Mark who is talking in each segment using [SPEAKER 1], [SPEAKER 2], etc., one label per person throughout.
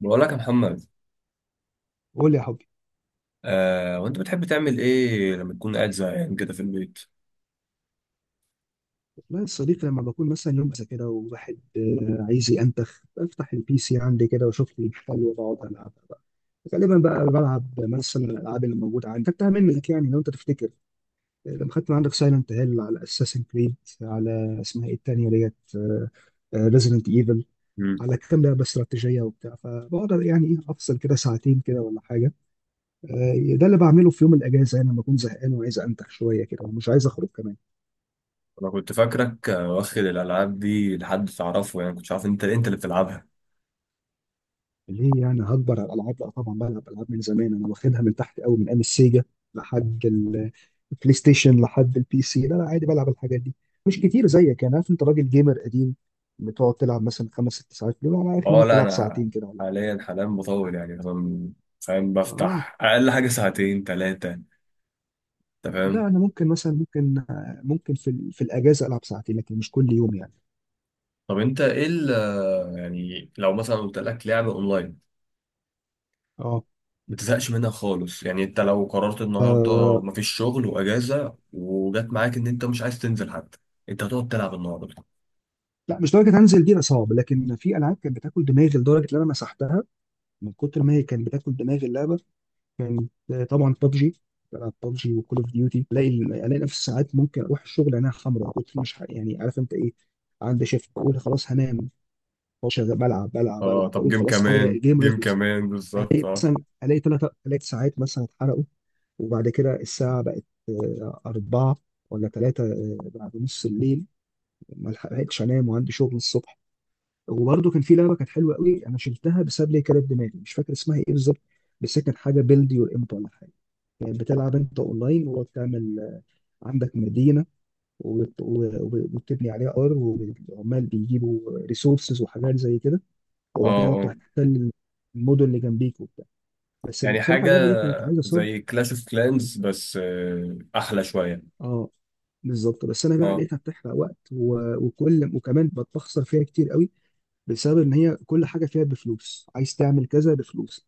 [SPEAKER 1] بقول لك يا محمد.
[SPEAKER 2] قول لي يا حبي.
[SPEAKER 1] وانت بتحب تعمل ايه لما تكون قاعد زهقان كده في البيت؟
[SPEAKER 2] والله يا صديقي لما بكون مثلا يوم زي كده وواحد عايز ينتخ، بفتح البي سي عندي كده واشوف لي حلو واقعد العب بقى. غالبا بقى بلعب مثلا الالعاب اللي موجوده عندي، خدتها منك يعني لو انت تفتكر. لما خدت من عندك سايلنت هيل، على اساسن كريد، على اسمها ايه التانيه ديت، ريزيدنت ايفل،
[SPEAKER 1] مم.
[SPEAKER 2] على كام لعبه استراتيجيه وبتاع، فبقعد يعني ايه افصل كده ساعتين كده ولا حاجه. ده اللي بعمله في يوم الاجازه يعني لما اكون زهقان وعايز انتخ شويه كده ومش عايز اخرج كمان.
[SPEAKER 1] انا كنت فاكرك واخد الالعاب دي لحد تعرفه، يعني كنت عارف انت اللي بتلعبها.
[SPEAKER 2] ليه يعني هكبر على الالعاب؟ لا طبعا بلعب العاب من زمان، انا واخدها من تحت قوي من ايام السيجا لحد ال- البلاي ستيشن، لحد البي سي، لا لا عادي بلعب الحاجات دي. مش كتير زيك يعني، عارف انت راجل جيمر قديم، بتقعد تلعب مثلا خمس ست ساعات. لا انا اخري
[SPEAKER 1] اه،
[SPEAKER 2] ممكن
[SPEAKER 1] لا،
[SPEAKER 2] العب
[SPEAKER 1] انا
[SPEAKER 2] ساعتين كده ولا حاجه.
[SPEAKER 1] حاليا بطول، يعني مثلا فاهم؟
[SPEAKER 2] اه.
[SPEAKER 1] بفتح اقل حاجه ساعتين ثلاثه، انت فاهم؟
[SPEAKER 2] لا انا ممكن مثلا، ممكن في الاجازه العب ساعتين، لكن مش كل يوم يعني.
[SPEAKER 1] طب انت ايه يعني لو مثلا قلت لك لعبه اونلاين
[SPEAKER 2] اه.
[SPEAKER 1] ما تزهقش منها خالص، يعني انت لو قررت النهارده
[SPEAKER 2] آه،
[SPEAKER 1] مفيش شغل واجازه، وجت معاك ان انت مش عايز تنزل حتى، انت هتقعد تلعب النهارده؟
[SPEAKER 2] لا مش درجه هنزل دي، لا صعب، لكن في العاب كانت بتاكل دماغي لدرجه ان انا مسحتها من كتر ما هي كانت بتاكل دماغي اللعبه. كانت طبعا ببجي، بلعب ببجي وكول اوف ديوتي، الاقي نفسي ساعات ممكن اروح الشغل انا خمره، كنت مش ح- يعني عارف انت ايه، عندي شيفت اقول خلاص هنام، أقعد شغال بلعب بلعب
[SPEAKER 1] اه،
[SPEAKER 2] بلعب
[SPEAKER 1] طب
[SPEAKER 2] اقول
[SPEAKER 1] جيم
[SPEAKER 2] خلاص هي
[SPEAKER 1] كمان،
[SPEAKER 2] الجيم
[SPEAKER 1] جيم
[SPEAKER 2] هيخلص.
[SPEAKER 1] كمان بالظبط.
[SPEAKER 2] الاقي
[SPEAKER 1] اه،
[SPEAKER 2] الاقي ثلاث ساعات مثلا اتحرقوا، وبعد كده الساعه بقت أربعة ولا ثلاثة بعد نص الليل، ما لحقتش أنام وعندي شغل الصبح. وبرده كان في لعبه كانت حلوه قوي، انا شلتها بسبب لي كانت دماغي، مش فاكر اسمها ايه بالظبط، بس هي كانت حاجه بيلد يور امب ولا حاجه، يعني بتلعب انت اونلاين، وبتعمل عندك مدينه، وبت- و- وبتبني عليها ار، وعمال بيجيبوا ريسورسز وحاجات زي كده،
[SPEAKER 1] اه،
[SPEAKER 2] وبعد كده تروح
[SPEAKER 1] اه،
[SPEAKER 2] تحتل المدن اللي جنبيك وبتاع. بس
[SPEAKER 1] يعني
[SPEAKER 2] بصراحه
[SPEAKER 1] حاجة
[SPEAKER 2] اللعبه دي كانت عايزه صبر.
[SPEAKER 1] زي كلاش اوف
[SPEAKER 2] مم.
[SPEAKER 1] كلانز بس أحلى شوية.
[SPEAKER 2] اه بالظبط. بس انا بقى
[SPEAKER 1] اه.
[SPEAKER 2] لقيتها بتحرق وقت وكل، وكمان بتخسر فيها كتير قوي بسبب ان هي كل حاجه فيها بفلوس، عايز تعمل كذا بفلوس.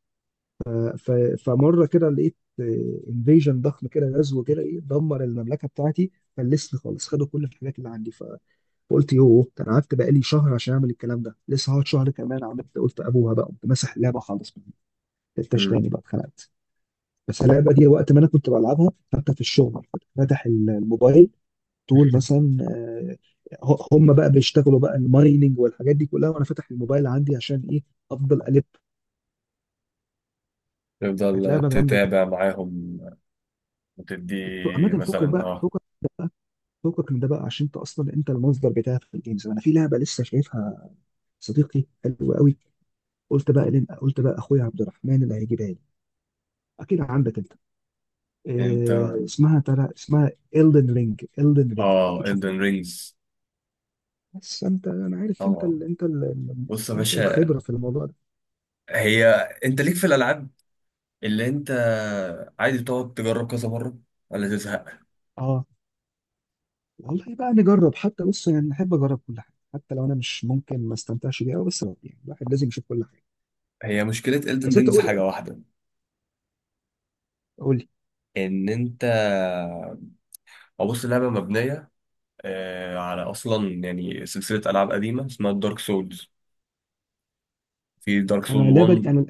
[SPEAKER 2] ف- فمره كده لقيت انفيجن ضخم كده، غزو كده ايه، دمر المملكه بتاعتي، فلسني خالص، خدوا كل الحاجات اللي عندي. فقلت يوه ده انا قعدت بقالي شهر عشان اعمل الكلام ده، لسه هقعد شهر كمان؟ عملت قلت ابوها بقى، قمت ماسح اللعبه خالص، ما لعبتهاش
[SPEAKER 1] مم.
[SPEAKER 2] تاني بقى، اتخنقت. بس اللعبه دي وقت ما انا كنت بلعبها، حتى في الشغل كنت فاتح الموبايل طول مثلا، هم بقى بيشتغلوا بقى المايننج والحاجات دي كلها، وانا فاتح الموبايل عندي عشان ايه، افضل الف. كانت
[SPEAKER 1] تفضل
[SPEAKER 2] لعبه جامده جدا.
[SPEAKER 1] تتابع معاهم وتدي
[SPEAKER 2] عامه فكك
[SPEAKER 1] مثلا.
[SPEAKER 2] بقى،
[SPEAKER 1] اه،
[SPEAKER 2] فوقك من ده بقى، عشان انت اصلا انت المصدر بتاعي في الجيمز. انا في لعبه لسه شايفها صديقي، حلوه قوي، قلت بقى لين، قلت بقى اخويا عبد الرحمن اللي هيجيبها لي، اكيد عندك انت.
[SPEAKER 1] انت
[SPEAKER 2] إيه اسمها ترى، اسمها Elden رينج. Elden رينج،
[SPEAKER 1] اه
[SPEAKER 2] اكيد
[SPEAKER 1] Elden
[SPEAKER 2] شفتها.
[SPEAKER 1] رينجز.
[SPEAKER 2] بس انت، انا عارف انت
[SPEAKER 1] طبعا.
[SPEAKER 2] ال
[SPEAKER 1] بص يا
[SPEAKER 2] انت
[SPEAKER 1] باشا،
[SPEAKER 2] الخبره في الموضوع ده.
[SPEAKER 1] هي انت ليك في الالعاب اللي انت عادي تقعد تجرب كذا مره ولا تزهق؟
[SPEAKER 2] اه والله بقى نجرب، حتى بص يعني نحب اجرب كل حاجه، حتى لو انا مش ممكن ما استمتعش بيها أوي، بس يعني الواحد لازم يشوف كل حاجه.
[SPEAKER 1] هي مشكله Elden
[SPEAKER 2] بس انت
[SPEAKER 1] رينجز
[SPEAKER 2] قول
[SPEAKER 1] حاجه واحده،
[SPEAKER 2] قول لي.
[SPEAKER 1] ان انت او بص اللعبه مبنيه على، اصلا يعني سلسله العاب قديمه اسمها دارك سولز، في دارك سول
[SPEAKER 2] انا لعبه
[SPEAKER 1] 1.
[SPEAKER 2] انا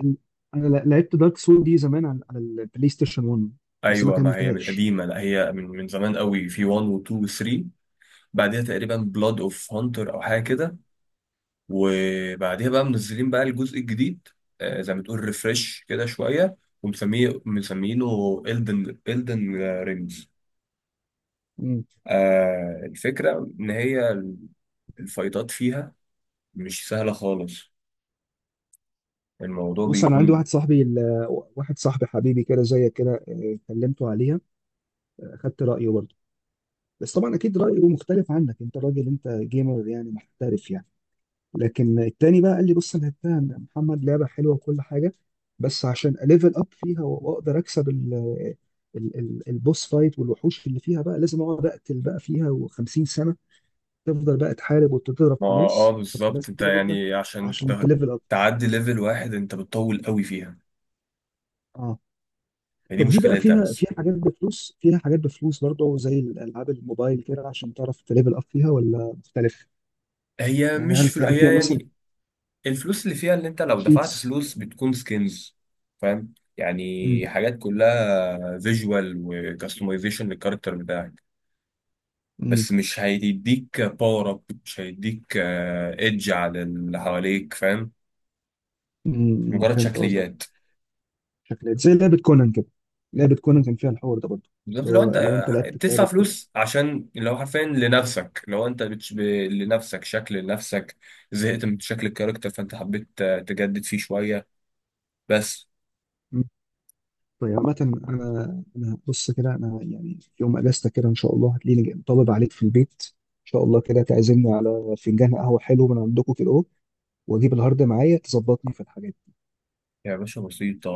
[SPEAKER 2] انا لعبت دارك سول دي زمان على البلاي ستيشن 1، بس ما
[SPEAKER 1] ايوه، ما هي من
[SPEAKER 2] كملتهاش.
[SPEAKER 1] قديمه، لا هي من زمان قوي، في 1 و2 و3. بعدها تقريبا بلاد اوف هانتر او حاجه كده، وبعدها بقى منزلين بقى الجزء الجديد، زي ما تقول ريفرش كده شويه، ومسميه مسمينه الدن رينجز.
[SPEAKER 2] مم.
[SPEAKER 1] الفكره ان هي الفايتات فيها مش سهله خالص، الموضوع
[SPEAKER 2] بص انا عندي
[SPEAKER 1] بيكون.
[SPEAKER 2] واحد صاحبي حبيبي كده زيك كده، كلمته عليها، خدت رايه برضه. بس طبعا اكيد رايه مختلف عنك، انت راجل انت جيمر يعني محترف يعني. لكن التاني بقى قال لي بص انا لعبتها يا محمد، لعبه حلوه وكل حاجه، بس عشان اليفل اب فيها واقدر اكسب البوس فايت والوحوش اللي فيها بقى، لازم اقعد اقتل بقى فيها و50 سنه، تفضل بقى تحارب وتضرب
[SPEAKER 1] ما
[SPEAKER 2] في
[SPEAKER 1] اه،
[SPEAKER 2] ناس، تضرب في
[SPEAKER 1] بالظبط.
[SPEAKER 2] ناس
[SPEAKER 1] انت
[SPEAKER 2] كتيره جدا
[SPEAKER 1] يعني عشان
[SPEAKER 2] عشان تليفل اب.
[SPEAKER 1] تعدي ليفل واحد انت بتطول قوي فيها،
[SPEAKER 2] اه.
[SPEAKER 1] هي دي
[SPEAKER 2] طب دي بقى
[SPEAKER 1] مشكلتها
[SPEAKER 2] فيها،
[SPEAKER 1] بس.
[SPEAKER 2] حاجات بفلوس، فيها حاجات بفلوس برضه زي الالعاب الموبايل كده، عشان تعرف تليفل اب فيها، ولا مختلف
[SPEAKER 1] هي
[SPEAKER 2] يعني؟
[SPEAKER 1] مش فل...
[SPEAKER 2] هل فيها
[SPEAKER 1] هي
[SPEAKER 2] مثلا
[SPEAKER 1] يعني الفلوس اللي فيها، اللي انت لو دفعت
[SPEAKER 2] شيتس؟
[SPEAKER 1] فلوس بتكون سكنز، فاهم؟
[SPEAKER 2] امم
[SPEAKER 1] يعني حاجات كلها فيجوال وكاستمايزيشن للكاركتر بتاعك،
[SPEAKER 2] امم
[SPEAKER 1] بس مش هيديك باور اب، مش هيديك ايدج على اللي حواليك، فاهم؟ مجرد
[SPEAKER 2] فهمت قصدك.
[SPEAKER 1] شكليات.
[SPEAKER 2] شكلها زي لعبه كونان كده، لعبه كونان كان فيها الحوار ده برضه،
[SPEAKER 1] بالظبط،
[SPEAKER 2] اللي
[SPEAKER 1] لو
[SPEAKER 2] هو
[SPEAKER 1] انت
[SPEAKER 2] لو انت لعبت في
[SPEAKER 1] بتدفع
[SPEAKER 2] لعبه كونان.
[SPEAKER 1] فلوس عشان اللي هو حرفيا لنفسك، لو لنفسك، شكل لنفسك، زهقت من شكل الكاركتر فانت حبيت تجدد فيه شوية بس.
[SPEAKER 2] طيب عامة أنا بص كده، أنا يعني يوم أجازتك كده إن شاء الله هتلاقيني جاي طالب عليك في البيت، إن شاء الله كده تعزمني على فنجان قهوة حلو من عندكم كده أهو، وأجيب الهارد معايا تظبطني في الحاجات دي.
[SPEAKER 1] يا باشا بسيطة.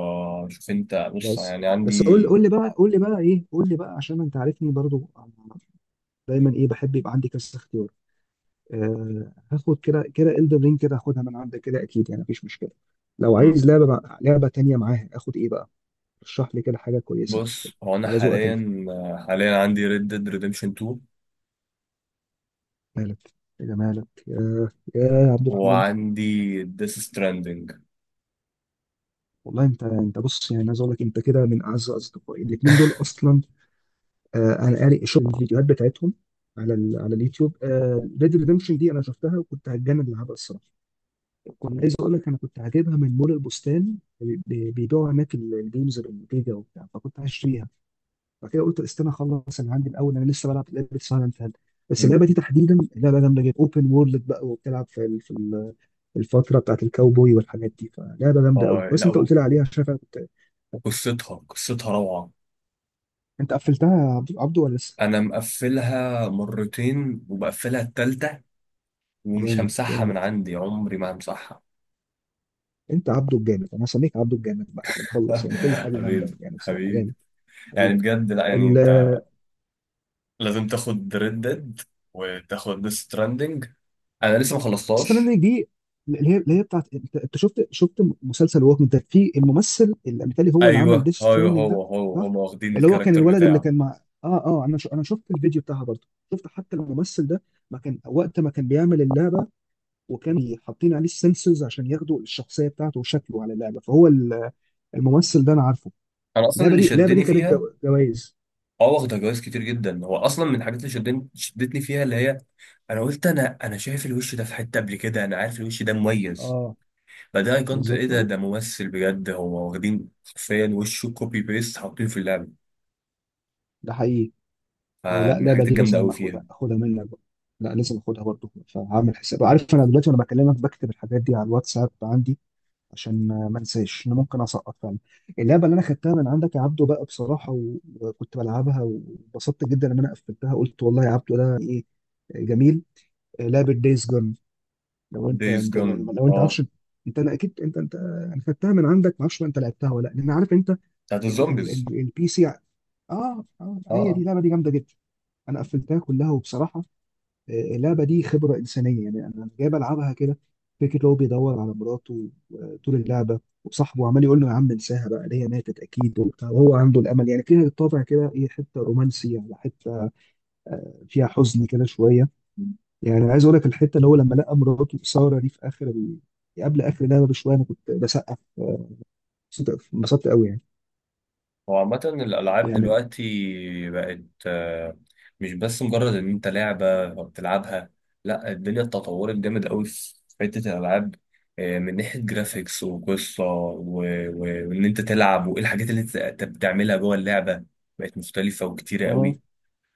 [SPEAKER 1] شوف انت، بص
[SPEAKER 2] بس
[SPEAKER 1] يعني
[SPEAKER 2] بس قول
[SPEAKER 1] عندي.
[SPEAKER 2] قول لي بقى، قول لي بقى إيه، قول لي بقى عشان أنت عارفني برضو أنا دايما إيه، بحب يبقى عندي كذا اختيار. أه هاخد كده كده إلدن رينج كده، هاخدها من عندك كده أكيد يعني مفيش مشكلة، لو
[SPEAKER 1] مم.
[SPEAKER 2] عايز لعبة تانية معاها، آخد إيه بقى؟ رشح لي كده حاجة كويسة
[SPEAKER 1] بص، هو انا
[SPEAKER 2] على ذوقك أنت.
[SPEAKER 1] حاليا عندي ريد ديد ريديمشن 2
[SPEAKER 2] مالك، يا جمالك يا عبد الرحمن.
[SPEAKER 1] وعندي ديس ستراندنج.
[SPEAKER 2] والله انت، بص يعني عايز اقول لك، انت كده من اعز اصدقائي الاثنين دول اصلا. آه انا قاري شوف الفيديوهات بتاعتهم على ال على اليوتيوب. ريد ريدمشن دي انا شفتها وكنت هتجنن لعبها الصراحه. كنت عايز اقول لك انا كنت هجيبها من مول البستان، بيبيعوا هناك الجيمز بالجيجا وبتاع، فكنت هشتريها. بعد كده قلت استنى اخلص اللي عندي الاول، انا لسه بلعب لعبه اسمها لانفال. بس
[SPEAKER 1] مم.
[SPEAKER 2] اللعبه دي تحديدا لعبه جامده جدا، اوبن وورلد بقى، وبتلعب في الفتره بتاعت الكاوبوي والحاجات دي، فلعبه جامده قوي،
[SPEAKER 1] اه،
[SPEAKER 2] بس
[SPEAKER 1] لا،
[SPEAKER 2] انت
[SPEAKER 1] و-
[SPEAKER 2] قلت لي عليها شايف، أنا كنت.
[SPEAKER 1] وقصتها قصتها روعة.
[SPEAKER 2] انت قفلتها يا عبدو عبدو ولا لسه؟
[SPEAKER 1] انا مقفلها مرتين وبقفلها التالتة، ومش
[SPEAKER 2] جامد
[SPEAKER 1] همسحها
[SPEAKER 2] جامد،
[SPEAKER 1] من عندي، عمري ما همسحها.
[SPEAKER 2] انت عبدو الجامد، انا هسميك عبدو الجامد بعد كده، مخلص يعني كل حاجه جامده،
[SPEAKER 1] حبيبي،
[SPEAKER 2] يعني بصراحه جامد.
[SPEAKER 1] حبيبي، يعني بجد. لا يعني انت
[SPEAKER 2] حبيبي.
[SPEAKER 1] لازم تاخد ريد ديد، وتاخد ديث ستراندنج. انا لسه ما
[SPEAKER 2] استنى
[SPEAKER 1] خلصتهاش.
[SPEAKER 2] منك دي، اللي هي، اللي هي بتاعت انت، شفت مسلسل ووكينج ديد؟ في الممثل اللي مثالي هو اللي عمل
[SPEAKER 1] ايوه،
[SPEAKER 2] ديث
[SPEAKER 1] ايوه،
[SPEAKER 2] ستراندنج ده.
[SPEAKER 1] هو
[SPEAKER 2] صح.
[SPEAKER 1] هم واخدين
[SPEAKER 2] اللي هو كان
[SPEAKER 1] الكاركتر
[SPEAKER 2] الولد اللي
[SPEAKER 1] بتاعه.
[SPEAKER 2] كان مع اه اه، انا شفت الفيديو بتاعها برضه، شفت حتى الممثل ده ما كان وقت ما كان بيعمل اللعبه، وكان حاطين عليه السنسورز عشان ياخدوا الشخصيه بتاعته وشكله على اللعبه، فهو الممثل ده انا عارفه.
[SPEAKER 1] انا اصلا
[SPEAKER 2] اللعبه
[SPEAKER 1] اللي
[SPEAKER 2] دي، اللعبه دي
[SPEAKER 1] شدني
[SPEAKER 2] خدت
[SPEAKER 1] فيها.
[SPEAKER 2] جوائز.
[SPEAKER 1] اه، واخده جوائز كتير جدا. هو اصلا من الحاجات اللي شدتني فيها، اللي هي انا قلت، انا شايف الوش ده في حته قبل كده، انا عارف الوش ده مميز.
[SPEAKER 2] اه
[SPEAKER 1] فده كنت ايه؟
[SPEAKER 2] بالظبط
[SPEAKER 1] ده
[SPEAKER 2] اه،
[SPEAKER 1] ده ممثل بجد، هو واخدين حرفيا وشه كوبي بيست حاطينه في اللعبه.
[SPEAKER 2] ده حقيقي. لا
[SPEAKER 1] فمن
[SPEAKER 2] اللعبه
[SPEAKER 1] الحاجات
[SPEAKER 2] دي
[SPEAKER 1] الجامده
[SPEAKER 2] لازم
[SPEAKER 1] قوي فيها.
[SPEAKER 2] اخدها، اخدها منك بقى. لا لازم اخدها برضه، فهعمل حساب، عارف انا دلوقتي وانا بكلمك بكتب الحاجات دي على الواتساب عندي عشان ما انساش، انا ممكن اسقط فعلا. اللعبه اللي انا خدتها من عندك يا عبدو بقى بصراحه وكنت بلعبها وانبسطت جدا، لما انا قفلتها قلت والله يا عبدو ده ايه، جميل، لعبه دايز جون. لو انت،
[SPEAKER 1] دايز
[SPEAKER 2] انت
[SPEAKER 1] جون،
[SPEAKER 2] لو انت
[SPEAKER 1] اه،
[SPEAKER 2] عارفش انت، انا اكيد انت، انا خدتها من عندك، ما اعرفش بقى انت لعبتها ولا لا، لان عارف انت
[SPEAKER 1] بتاعت الزومبيز.
[SPEAKER 2] البي سي. اه اه،
[SPEAKER 1] اه،
[SPEAKER 2] هي دي
[SPEAKER 1] اه.
[SPEAKER 2] اللعبه دي جامده جدا، انا قفلتها كلها، وبصراحه اللعبه دي خبره انسانيه يعني، انا جاي بلعبها كده فكره اللي هو بيدور على مراته طول اللعبه، وصاحبه عمال يقول له يا عم انساها بقى اللي هي ماتت اكيد وبتاع، وهو عنده الامل يعني فيها، الطابع كده ايه، حته رومانسي على حته، فيها حزن كده شويه، يعني عايز اقول لك الحته اللي هو لما لقى مراته ساره دي في قبل اخر اللعبه بشويه، انا كنت بسقف انبسطت قوي يعني.
[SPEAKER 1] هو عامة الألعاب
[SPEAKER 2] يعني
[SPEAKER 1] دلوقتي بقت آه، مش بس مجرد إن أنت لعبة بتلعبها، لأ الدنيا اتطورت جامد أوي في حتة الألعاب، من ناحية جرافيكس وقصة وإن أنت تلعب وإيه الحاجات اللي أنت بتعملها جوه اللعبة، بقت مختلفة وكتيرة
[SPEAKER 2] اه
[SPEAKER 1] أوي.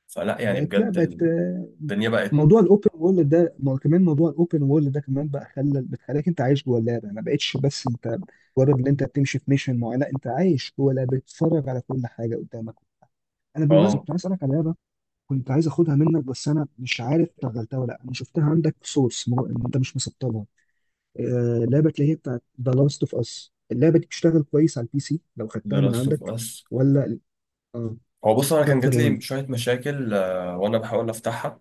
[SPEAKER 1] فلأ يعني
[SPEAKER 2] بقت، لا
[SPEAKER 1] بجد،
[SPEAKER 2] بقت
[SPEAKER 1] الدنيا بقت.
[SPEAKER 2] موضوع الاوبن وورلد ده كمان، موضوع الاوبن وورلد ده كمان بقى خلى، بتخليك انت عايش جوه اللعبه، ما بقتش بس انت مجرد ان انت بتمشي في ميشن معينه، لا انت عايش جوه اللعبه، بتتفرج على كل حاجه قدامك. انا بالمناسبه
[SPEAKER 1] آه
[SPEAKER 2] كنت عايز اسالك على لعبه، كنت عايز اخدها منك بس انا مش عارف شغلتها ولا لا، انا شفتها عندك في انت مش مسطبها، آه لعبه اللي هي بتاعت ذا لاست اوف اس. اللعبه دي بتشتغل كويس على البي سي لو
[SPEAKER 1] The
[SPEAKER 2] خدتها من
[SPEAKER 1] Last of
[SPEAKER 2] عندك
[SPEAKER 1] Us.
[SPEAKER 2] ولا؟ اه
[SPEAKER 1] هو بص، انا كان
[SPEAKER 2] شابتر
[SPEAKER 1] جات لي
[SPEAKER 2] 1.
[SPEAKER 1] شويه مشاكل وانا بحاول افتحها،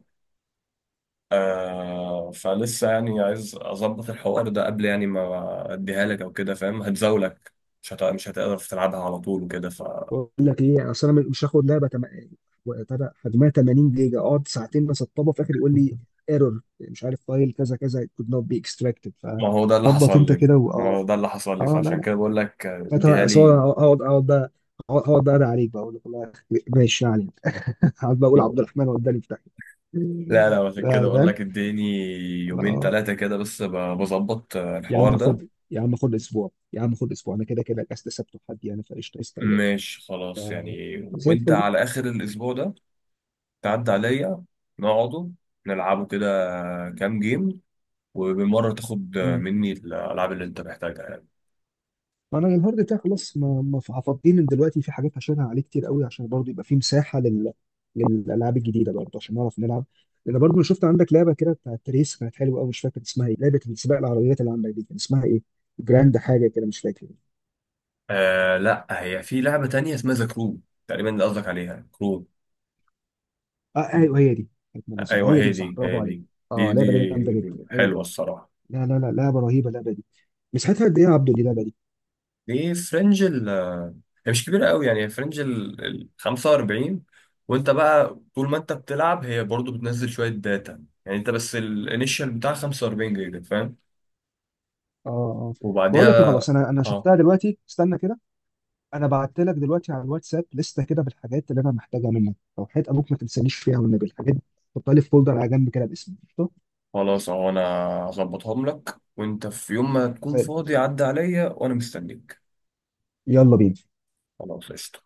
[SPEAKER 1] فلسه يعني عايز اظبط الحوار ده قبل يعني ما اديها لك او كده، فاهم؟ هتزاولك، مش هتقدر تلعبها على طول وكده ف.
[SPEAKER 2] بقول لك ايه، اصل انا مش وبتاع حجمها 80 جيجا اقعد ساعتين بسطبها في الاخر يقول لي ايرور، مش عارف فايل كذا كذا could not be extracted.
[SPEAKER 1] ما هو ده اللي
[SPEAKER 2] فظبط
[SPEAKER 1] حصل
[SPEAKER 2] انت
[SPEAKER 1] لي.
[SPEAKER 2] كده
[SPEAKER 1] ما
[SPEAKER 2] اه.
[SPEAKER 1] هو ده اللي حصل لي،
[SPEAKER 2] اه لا
[SPEAKER 1] فعشان
[SPEAKER 2] لا،
[SPEAKER 1] كده بقول لك اديها
[SPEAKER 2] أنا
[SPEAKER 1] لي.
[SPEAKER 2] سواء اقعد بقى، اقعد بقى أدعي عليك بقى، اقول لك والله ماشي يعني، اقعد بقى اقول عبد
[SPEAKER 1] ما-
[SPEAKER 2] الرحمن وداني في داهيه.
[SPEAKER 1] لا، لا، عشان كده بقول
[SPEAKER 2] فاهم.
[SPEAKER 1] لك اديني يومين
[SPEAKER 2] لا،
[SPEAKER 1] ثلاثه كده، بس بظبط
[SPEAKER 2] يا
[SPEAKER 1] الحوار
[SPEAKER 2] عم
[SPEAKER 1] ده.
[SPEAKER 2] خد، يا عم خد اسبوع، يا عم خد اسبوع، انا كده كده الاجازه سبت وحد يعني، فقشطه استعجلت.
[SPEAKER 1] ماشي،
[SPEAKER 2] ف
[SPEAKER 1] خلاص يعني.
[SPEAKER 2] زي
[SPEAKER 1] وانت
[SPEAKER 2] الفل.
[SPEAKER 1] على اخر الاسبوع ده تعدي عليا، نقعده نلعبه كده كام جيم، وبالمرة تاخد مني الألعاب اللي أنت محتاجها يعني.
[SPEAKER 2] ما انا الهارد بتاعي خلاص، ما ما هفضيه من دلوقتي، في حاجات هشيلها عليه كتير قوي، عشان برضه يبقى في مساحه للالعاب الجديده برضه عشان نعرف نلعب. لان برضه انا شفت عندك لعبه كده بتاعت ريس كانت حلوه قوي، مش فاكر اسمها ايه، لعبه سباق العربيات اللي عندك دي كان اسمها ايه، جراند حاجه كده مش فاكر.
[SPEAKER 1] آه، لا، هي في لعبة تانية اسمها ذا كرو تقريبا، اللي قصدك عليها كرو.
[SPEAKER 2] اه ايوه هي دي، كانت من اللذينة.
[SPEAKER 1] أيوه،
[SPEAKER 2] هي
[SPEAKER 1] هي
[SPEAKER 2] دي صح،
[SPEAKER 1] دي،
[SPEAKER 2] برافو
[SPEAKER 1] هي
[SPEAKER 2] عليك.
[SPEAKER 1] دي. دي
[SPEAKER 2] اه لعبه دي جامده
[SPEAKER 1] دي
[SPEAKER 2] جدا هي دي.
[SPEAKER 1] حلوة الصراحة.
[SPEAKER 2] لا لا لا لعبه رهيبه اللعبه دي. مساحتها قد ايه يا عبدو دي اللعبه دي؟
[SPEAKER 1] دي فرنج ال هي مش كبيرة قوي يعني، هي فرنج ال 45، وأنت بقى طول ما أنت بتلعب هي برضو بتنزل شوية داتا، يعني أنت بس الانيشال بتاع 45 جيجا، فاهم؟
[SPEAKER 2] اه اه. بقول لك ايه،
[SPEAKER 1] وبعدها
[SPEAKER 2] خلاص انا شفتها دلوقتي، استنى كده، انا بعت لك دلوقتي على الواتساب لسته كده بالحاجات اللي انا محتاجها منك، لو حيت ابوك ما تنسانيش فيها والنبي الحاجات دي، حطها لي في فولدر على جنب كده باسمي، قشطة؟
[SPEAKER 1] خلاص. اهو انا هظبطهم لك، وانت في يوم ما تكون
[SPEAKER 2] زي الفل.
[SPEAKER 1] فاضي عدى عليا، وانا مستنيك.
[SPEAKER 2] يلا بينا.
[SPEAKER 1] خلاص، قشطة.